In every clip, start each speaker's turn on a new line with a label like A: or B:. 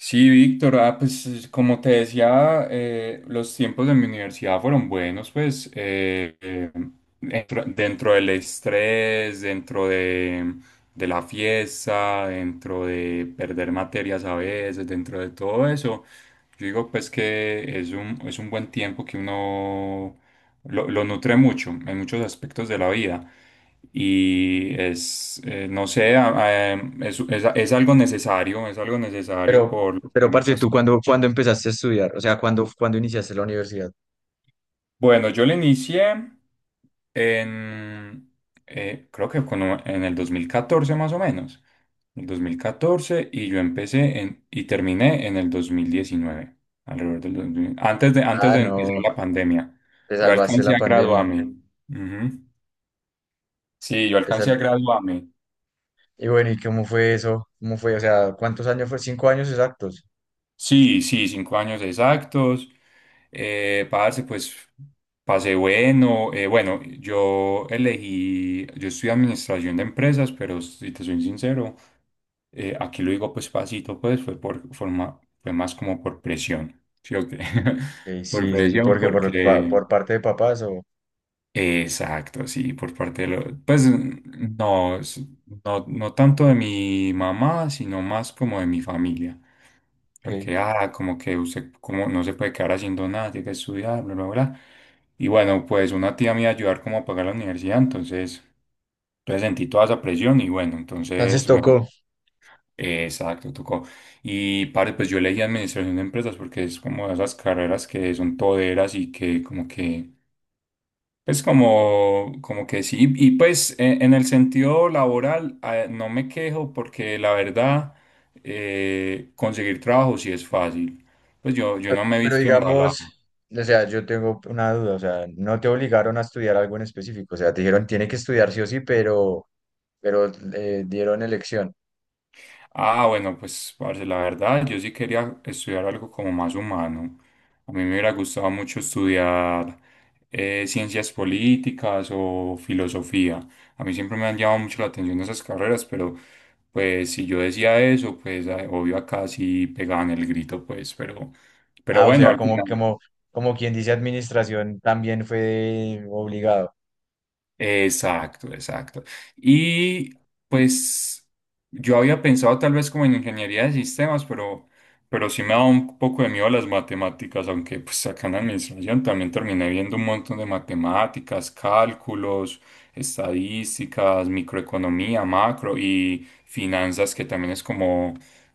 A: Sí, Víctor, ah, pues como te decía, los tiempos de mi universidad fueron buenos, pues dentro del estrés, dentro de la fiesta, dentro de perder materias a veces, dentro de todo eso, yo digo pues que es un buen tiempo que uno lo nutre mucho en muchos aspectos de la vida. Y es, no sé, es algo necesario, es algo necesario
B: Pero,
A: por lo
B: pero
A: que
B: parce,
A: muchas...
B: ¿tú cuándo empezaste a estudiar? O sea, ¿cuándo iniciaste la universidad?
A: Bueno, yo le inicié en, creo que en el 2014 más o menos, el 2014 y y terminé en el 2019 alrededor del 2000 antes
B: Ah,
A: de empezar
B: no,
A: la pandemia.
B: te
A: Yo
B: salvaste
A: alcancé
B: la
A: a
B: pandemia.
A: graduarme. Ujú. Sí, yo
B: te
A: alcancé
B: sal-
A: a graduarme.
B: Y bueno, ¿y cómo fue eso? ¿Cómo fue? O sea, ¿cuántos años fue? ¿5 años exactos?
A: Sí, sí, 5 años exactos. Parce, pues pasé bueno. Bueno, yo estudié administración de empresas, pero si te soy sincero, aquí lo digo pues pasito, pues fue más como por presión, ¿sí o qué?
B: Ok,
A: Por
B: sí, sí, sí,
A: presión,
B: porque
A: porque
B: por parte de papás o...
A: exacto, sí, por parte de lo, pues no, no, no tanto de mi mamá, sino más como de mi familia.
B: ok.
A: Porque, ah, como que usted como no se puede quedar haciendo nada, tiene que estudiar, bla, bla, bla. Y bueno, pues una tía me iba a ayudar como a pagar la universidad, entonces, entonces sentí toda esa presión y bueno,
B: Entonces
A: entonces me...
B: tocó.
A: Exacto, tocó. Y padre, pues yo elegí administración de empresas porque es como de esas carreras que son toderas y que como que pues como que sí, y pues en el sentido laboral no me quejo porque la verdad, conseguir trabajo sí es fácil. Pues yo
B: Pero,
A: no me he
B: pero
A: visto embalado.
B: digamos, o sea, yo tengo una duda, o sea, no te obligaron a estudiar algo en específico, o sea, te dijeron, tiene que estudiar sí o sí, pero dieron elección.
A: Ah, bueno, pues, parce, la verdad, yo sí quería estudiar algo como más humano. A mí me hubiera gustado mucho estudiar ciencias políticas o filosofía. A mí siempre me han llamado mucho la atención esas carreras, pero pues si yo decía eso, pues obvio acá sí pegaban el grito, pues, pero
B: Ah, o
A: bueno,
B: sea,
A: al
B: como,
A: final.
B: como, como quien dice administración también fue obligado.
A: Exacto, exacto. Y pues yo había pensado tal vez como en ingeniería de sistemas, pero sí me da un poco de miedo las matemáticas, aunque pues acá en la administración también terminé viendo un montón de matemáticas, cálculos, estadísticas, microeconomía, macro y finanzas, que también es como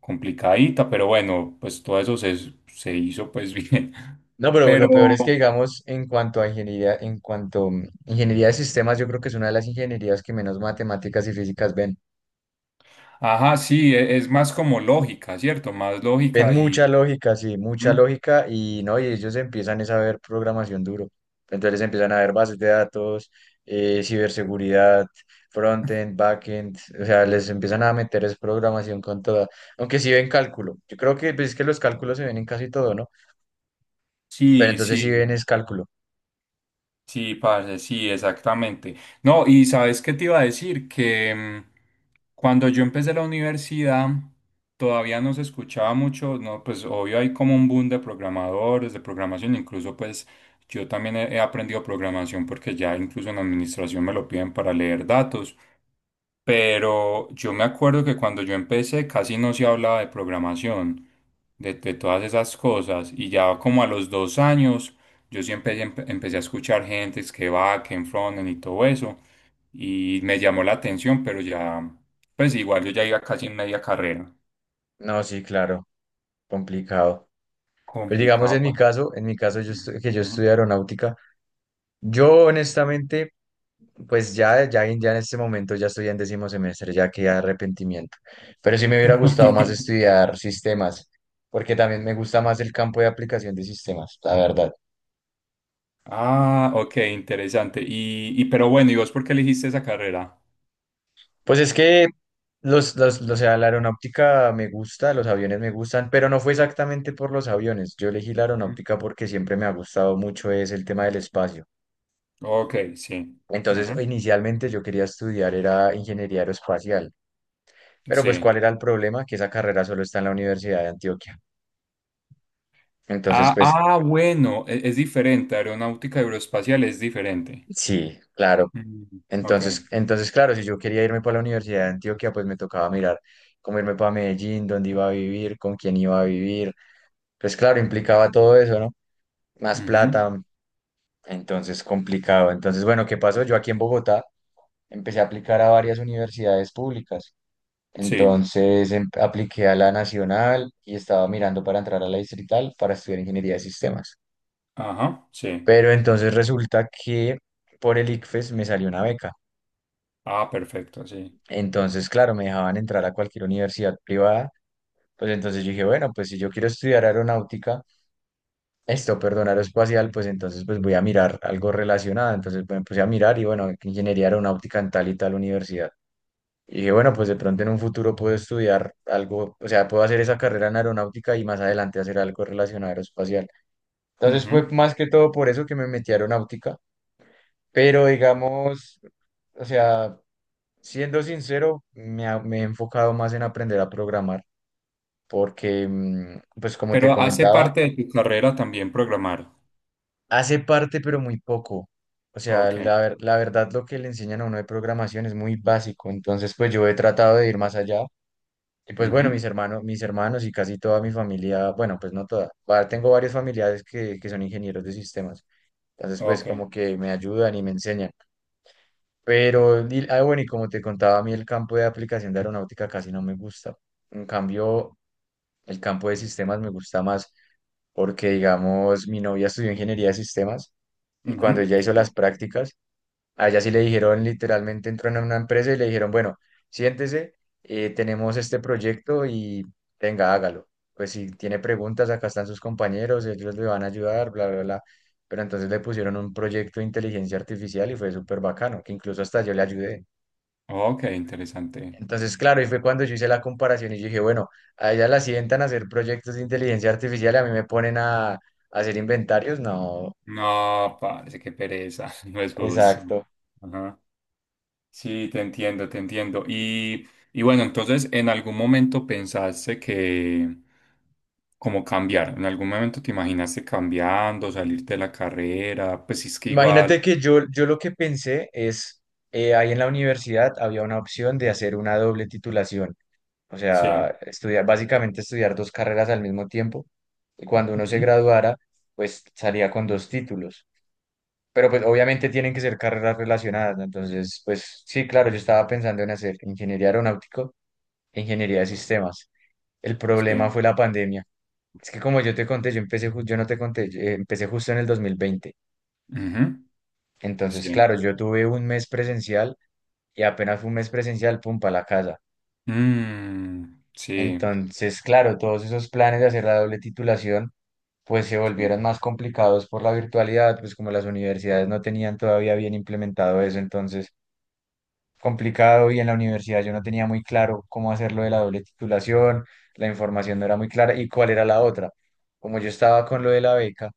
A: complicadita, pero bueno, pues todo eso se hizo pues bien.
B: No, pero lo peor es que,
A: Pero...
B: digamos, en cuanto a ingeniería, en cuanto ingeniería de sistemas, yo creo que es una de las ingenierías que menos matemáticas y físicas ven.
A: Ajá, sí, es más como lógica, ¿cierto? Más
B: Ven
A: lógica y
B: mucha lógica, sí, mucha
A: mm,
B: lógica y no, y ellos empiezan es a ver programación duro. Entonces empiezan a ver bases de datos, ciberseguridad, frontend, backend, o sea, les empiezan a meter es programación con toda. Aunque sí ven cálculo. Yo creo que pues, es que los cálculos se ven en casi todo, ¿no? Pero
A: sí,
B: entonces si bien
A: sí,
B: es cálculo.
A: sí, parce, sí, exactamente. No, y sabes qué te iba a decir, que cuando yo empecé la universidad todavía no se escuchaba mucho, no, pues obvio hay como un boom de programadores, de programación, incluso pues yo también he aprendido programación porque ya incluso en administración me lo piden para leer datos. Pero yo me acuerdo que cuando yo empecé casi no se hablaba de programación, de todas esas cosas. Y ya como a los 2 años, yo sí empecé a escuchar gente que va, que en frontend y todo eso. Y me llamó la atención, pero ya, pues igual yo ya iba casi en media carrera.
B: No, sí, claro, complicado. Pero digamos
A: Complicado,
B: en
A: pa.
B: mi caso,
A: Ujú.
B: que yo
A: Ujú.
B: estudio aeronáutica, yo honestamente, pues ya en este momento ya estoy en 10.º semestre, ya que arrepentimiento. Pero sí me hubiera gustado más estudiar sistemas, porque también me gusta más el campo de aplicación de sistemas, la verdad.
A: Ah, ok, interesante. Y pero bueno, ¿y vos por qué elegiste esa carrera?
B: Pues es que o sea, la aeronáutica me gusta, los aviones me gustan, pero no fue exactamente por los aviones. Yo elegí la
A: Ujú.
B: aeronáutica porque siempre me ha gustado mucho es el tema del espacio.
A: Ok, sí.
B: Entonces,
A: Ujú.
B: inicialmente yo quería estudiar era ingeniería aeroespacial, pero pues
A: Sí.
B: ¿cuál era el problema? Que esa carrera solo está en la Universidad de Antioquia. Entonces,
A: Ah,
B: pues
A: ah, bueno, es diferente, aeronáutica aeroespacial es diferente.
B: sí, claro.
A: Mm, ok,
B: Entonces, claro, si yo quería irme para la Universidad de Antioquia, pues me tocaba mirar cómo irme para Medellín, dónde iba a vivir, con quién iba a vivir. Pues claro, implicaba todo eso, ¿no? Más
A: ujú,
B: plata, entonces complicado. Entonces, bueno, ¿qué pasó? Yo aquí en Bogotá empecé a aplicar a varias universidades públicas.
A: sí,
B: Entonces apliqué a la Nacional y estaba mirando para entrar a la Distrital para estudiar ingeniería de sistemas.
A: ajá, sí.
B: Pero entonces resulta que por el ICFES me salió una beca.
A: Ah, perfecto, sí.
B: Entonces, claro, me dejaban entrar a cualquier universidad privada. Pues entonces yo dije, bueno, pues si yo quiero estudiar aeronáutica, esto, perdón, aeroespacial, pues entonces pues voy a mirar algo relacionado. Entonces pues, me puse a mirar y bueno, ingeniería aeronáutica en tal y tal universidad. Y dije, bueno, pues de pronto en un futuro puedo estudiar algo, o sea, puedo hacer esa carrera en aeronáutica y más adelante hacer algo relacionado a aeroespacial. Entonces fue
A: Ujú.
B: más que todo por eso que me metí a aeronáutica, pero digamos, o sea, siendo sincero, me he enfocado más en aprender a programar, porque, pues como te
A: Pero hace
B: comentaba,
A: parte de tu carrera también programar.
B: hace parte, pero muy poco. O sea,
A: Ok,
B: la verdad lo que le enseñan a uno de programación es muy básico. Entonces, pues yo he tratado de ir más allá. Y pues bueno, mis
A: ujú,
B: hermanos, mis hermanos y casi toda mi familia, bueno, pues no toda. Tengo varios familiares que son ingenieros de sistemas. Entonces, pues
A: ok,
B: como que me ayudan y me enseñan. Ah, bueno, y como te contaba, a mí el campo de aplicación de aeronáutica casi no me gusta. En cambio, el campo de sistemas me gusta más porque, digamos, mi novia estudió ingeniería de sistemas y cuando
A: ujú,
B: ella hizo
A: sí.
B: las prácticas, a ella sí le dijeron, literalmente entró en una empresa y le dijeron, bueno, siéntese, tenemos este proyecto y venga, hágalo. Pues si tiene preguntas, acá están sus compañeros, ellos le van a ayudar, bla, bla, bla. Pero entonces le pusieron un proyecto de inteligencia artificial y fue súper bacano, que incluso hasta yo le ayudé.
A: Ok, interesante.
B: Entonces, claro, y fue cuando yo hice la comparación y yo dije, bueno, a ella la sientan a hacer proyectos de inteligencia artificial y a mí me ponen a hacer inventarios. No,
A: No, parece que pereza, no es justo.
B: exacto.
A: Ajá. Sí, te entiendo, te entiendo. Y bueno, entonces, ¿en algún momento pensaste que, como cambiar? ¿En algún momento te imaginaste cambiando, salir de la carrera? Pues si es que igual.
B: Imagínate que yo lo que pensé es, ahí en la universidad había una opción de hacer una doble titulación, o
A: Sí.
B: sea, estudiar, básicamente estudiar dos carreras al mismo tiempo, y cuando uno se
A: Ujú.
B: graduara, pues salía con dos títulos, pero pues obviamente tienen que ser carreras relacionadas, ¿no? Entonces, pues sí, claro, yo estaba pensando en hacer ingeniería aeronáutico e ingeniería de sistemas. El problema fue
A: Sí.
B: la pandemia. Es que como yo te conté, yo no te conté, yo, empecé justo en el 2020.
A: Ujú.
B: Entonces,
A: Sí.
B: claro, yo tuve un mes presencial y apenas fue un mes presencial, pum, para la casa.
A: Mm, sí.
B: Entonces, claro, todos esos planes de hacer la doble titulación, pues se
A: Sí.
B: volvieron más complicados por la virtualidad, pues como las universidades no tenían todavía bien implementado eso, entonces complicado y en la universidad yo no tenía muy claro cómo hacerlo de la doble titulación, la información no era muy clara y cuál era la otra. Como yo estaba con lo de la beca,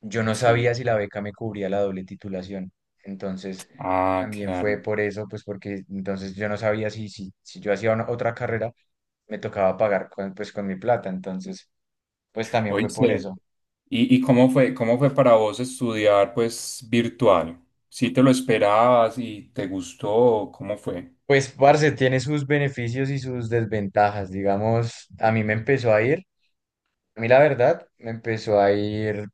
B: yo no sabía
A: Sí.
B: si la beca me cubría la doble titulación. Entonces,
A: Ah,
B: también fue
A: claro.
B: por eso, pues porque entonces yo no sabía si yo hacía otra carrera, me tocaba pagar con, pues con mi plata. Entonces, pues también fue por
A: Oíste.
B: eso.
A: Y cómo fue para vos estudiar, pues, virtual? ¿Sí te lo esperabas y te gustó? ¿Cómo fue?
B: Pues, parce, tiene sus beneficios y sus desventajas. Digamos, a mí me empezó a ir, a mí la verdad, me empezó a ir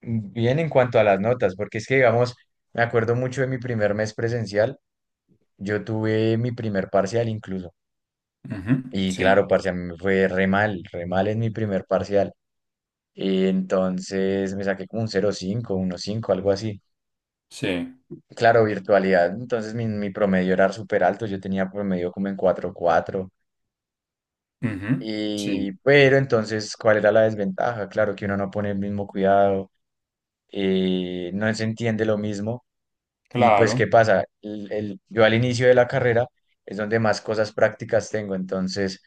B: bien en cuanto a las notas, porque es que, digamos, me acuerdo mucho de mi primer mes presencial. Yo tuve mi primer parcial incluso.
A: Ujú.
B: Y
A: Sí.
B: claro, parce, a mí me fue re mal en mi primer parcial. Y entonces me saqué como un 0,5, cinco algo así.
A: Sí.
B: Claro, virtualidad. Entonces mi promedio era súper alto. Yo tenía promedio como en 4,4.
A: Ujú. Sí.
B: Y, pero entonces, ¿cuál era la desventaja? Claro que uno no pone el mismo cuidado, no se entiende lo mismo. Y pues,
A: Claro,
B: ¿qué pasa? Yo al inicio de la carrera es donde más cosas prácticas tengo. Entonces,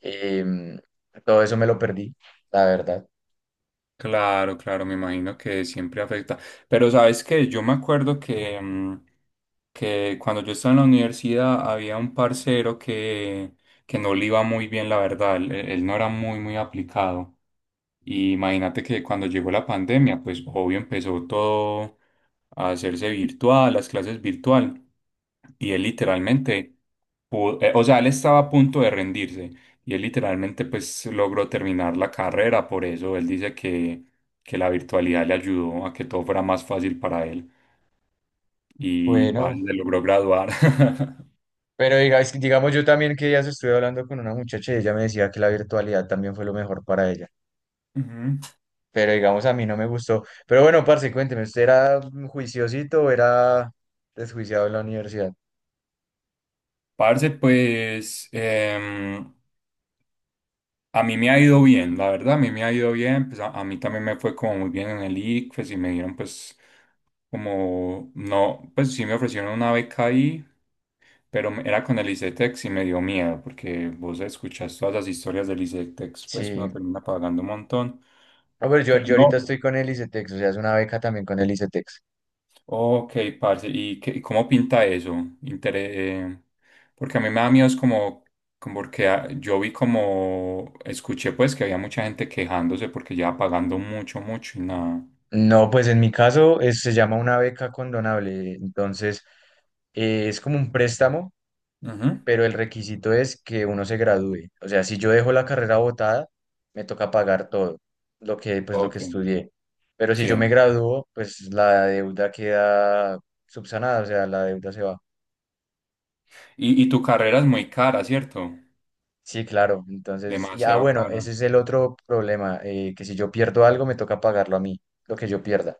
B: em, todo eso me lo perdí, la verdad.
A: claro, claro, me imagino que siempre afecta. Pero sabes que yo me acuerdo que, que cuando yo estaba en la universidad había un parcero que no le iba muy bien, la verdad. Él no era muy, muy aplicado. Y imagínate que cuando llegó la pandemia, pues obvio empezó todo a hacerse virtual, las clases virtual. Y él literalmente, o sea, él estaba a punto de rendirse. Y él literalmente pues logró terminar la carrera. Por eso él dice que la virtualidad le ayudó a que todo fuera más fácil para él. Y
B: Bueno,
A: parce, se logró graduar.
B: es que, digamos, yo también que días estuve hablando con una muchacha y ella me decía que la virtualidad también fue lo mejor para ella.
A: Ujú.
B: Pero digamos, a mí no me gustó. Pero bueno, parce, cuénteme, ¿usted era juiciosito o era desjuiciado en la universidad?
A: Parce, pues... a mí me ha ido bien, la verdad, a mí me ha ido bien, pues a mí también me fue como muy bien en el ICFES y me dieron pues como, no, pues sí me ofrecieron una beca ahí, pero era con el ICETEX y me dio miedo porque vos escuchás todas las historias del ICETEX, pues que uno
B: Sí.
A: termina pagando un montón,
B: A ver, yo,
A: pero
B: yo ahorita
A: no.
B: estoy con el ICETEX, o sea, es una beca también con el ICETEX.
A: Ok, parce, ¿y qué- y cómo pinta eso? Intere- eh, porque a mí me da miedo, es como, como porque ah, escuché pues que había mucha gente quejándose porque ya pagando mucho, mucho y nada.
B: No, pues en mi caso se llama una beca condonable. Entonces, es como un préstamo
A: Ujú.
B: pero el requisito es que uno se gradúe. O sea, si yo dejo la carrera botada, me toca pagar todo lo que, pues, lo que
A: Ok,
B: estudié. Pero si yo me
A: sí.
B: gradúo, pues la deuda queda subsanada, o sea, la deuda se va.
A: Y tu carrera es muy cara, ¿cierto?
B: Sí, claro. Entonces, ya
A: Demasiado
B: bueno,
A: cara.
B: ese es el otro problema, que si yo pierdo algo, me toca pagarlo a mí, lo que yo pierda.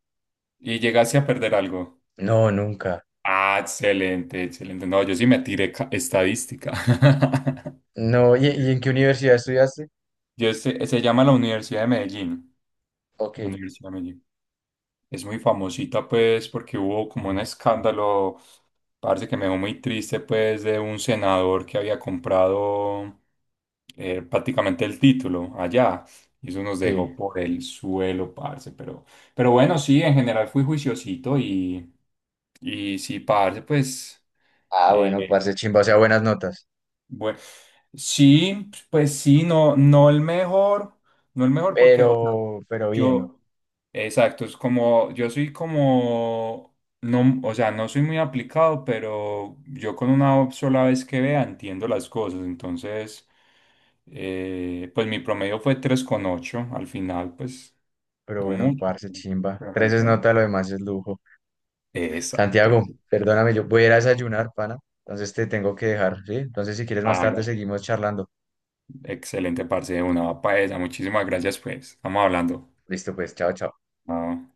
A: ¿Y llegaste a perder algo?
B: No, nunca.
A: Ah, excelente, excelente. No, yo sí me tiré estadística.
B: No, ¿y en qué universidad estudiaste?
A: Yo, se llama la Universidad de Medellín.
B: Ok,
A: La Universidad de Medellín. Es muy famosita, pues, porque hubo como un escándalo, parece que me dejó muy triste, pues, de un senador que había comprado prácticamente el título allá. Y eso nos
B: sí.
A: dejó por el suelo, parce. Pero bueno, sí, en general fui juiciosito y sí, parce, pues,
B: Ah, bueno,
A: eh,
B: parce chimba, o sea, buenas notas.
A: bueno, sí, pues sí, no, no el mejor, no el mejor porque, o sea,
B: Pero bien.
A: yo, exacto, es como, yo soy como, no, o sea, no soy muy aplicado, pero yo con una sola vez que vea entiendo las cosas, entonces, pues mi promedio fue 3,8 al final, pues,
B: Pero
A: no
B: bueno,
A: mucho,
B: parce, chimba.
A: pero me
B: Tres es
A: defiendo.
B: nota, lo demás es lujo.
A: Exacto,
B: Santiago,
A: eso.
B: perdóname, yo voy a ir a desayunar, pana. Entonces te tengo que dejar, ¿sí? Entonces si quieres más tarde
A: Hágale,
B: seguimos charlando.
A: excelente parce, de una papa esa, muchísimas gracias, pues, estamos hablando.
B: Listo, pues, chao, chao.
A: No.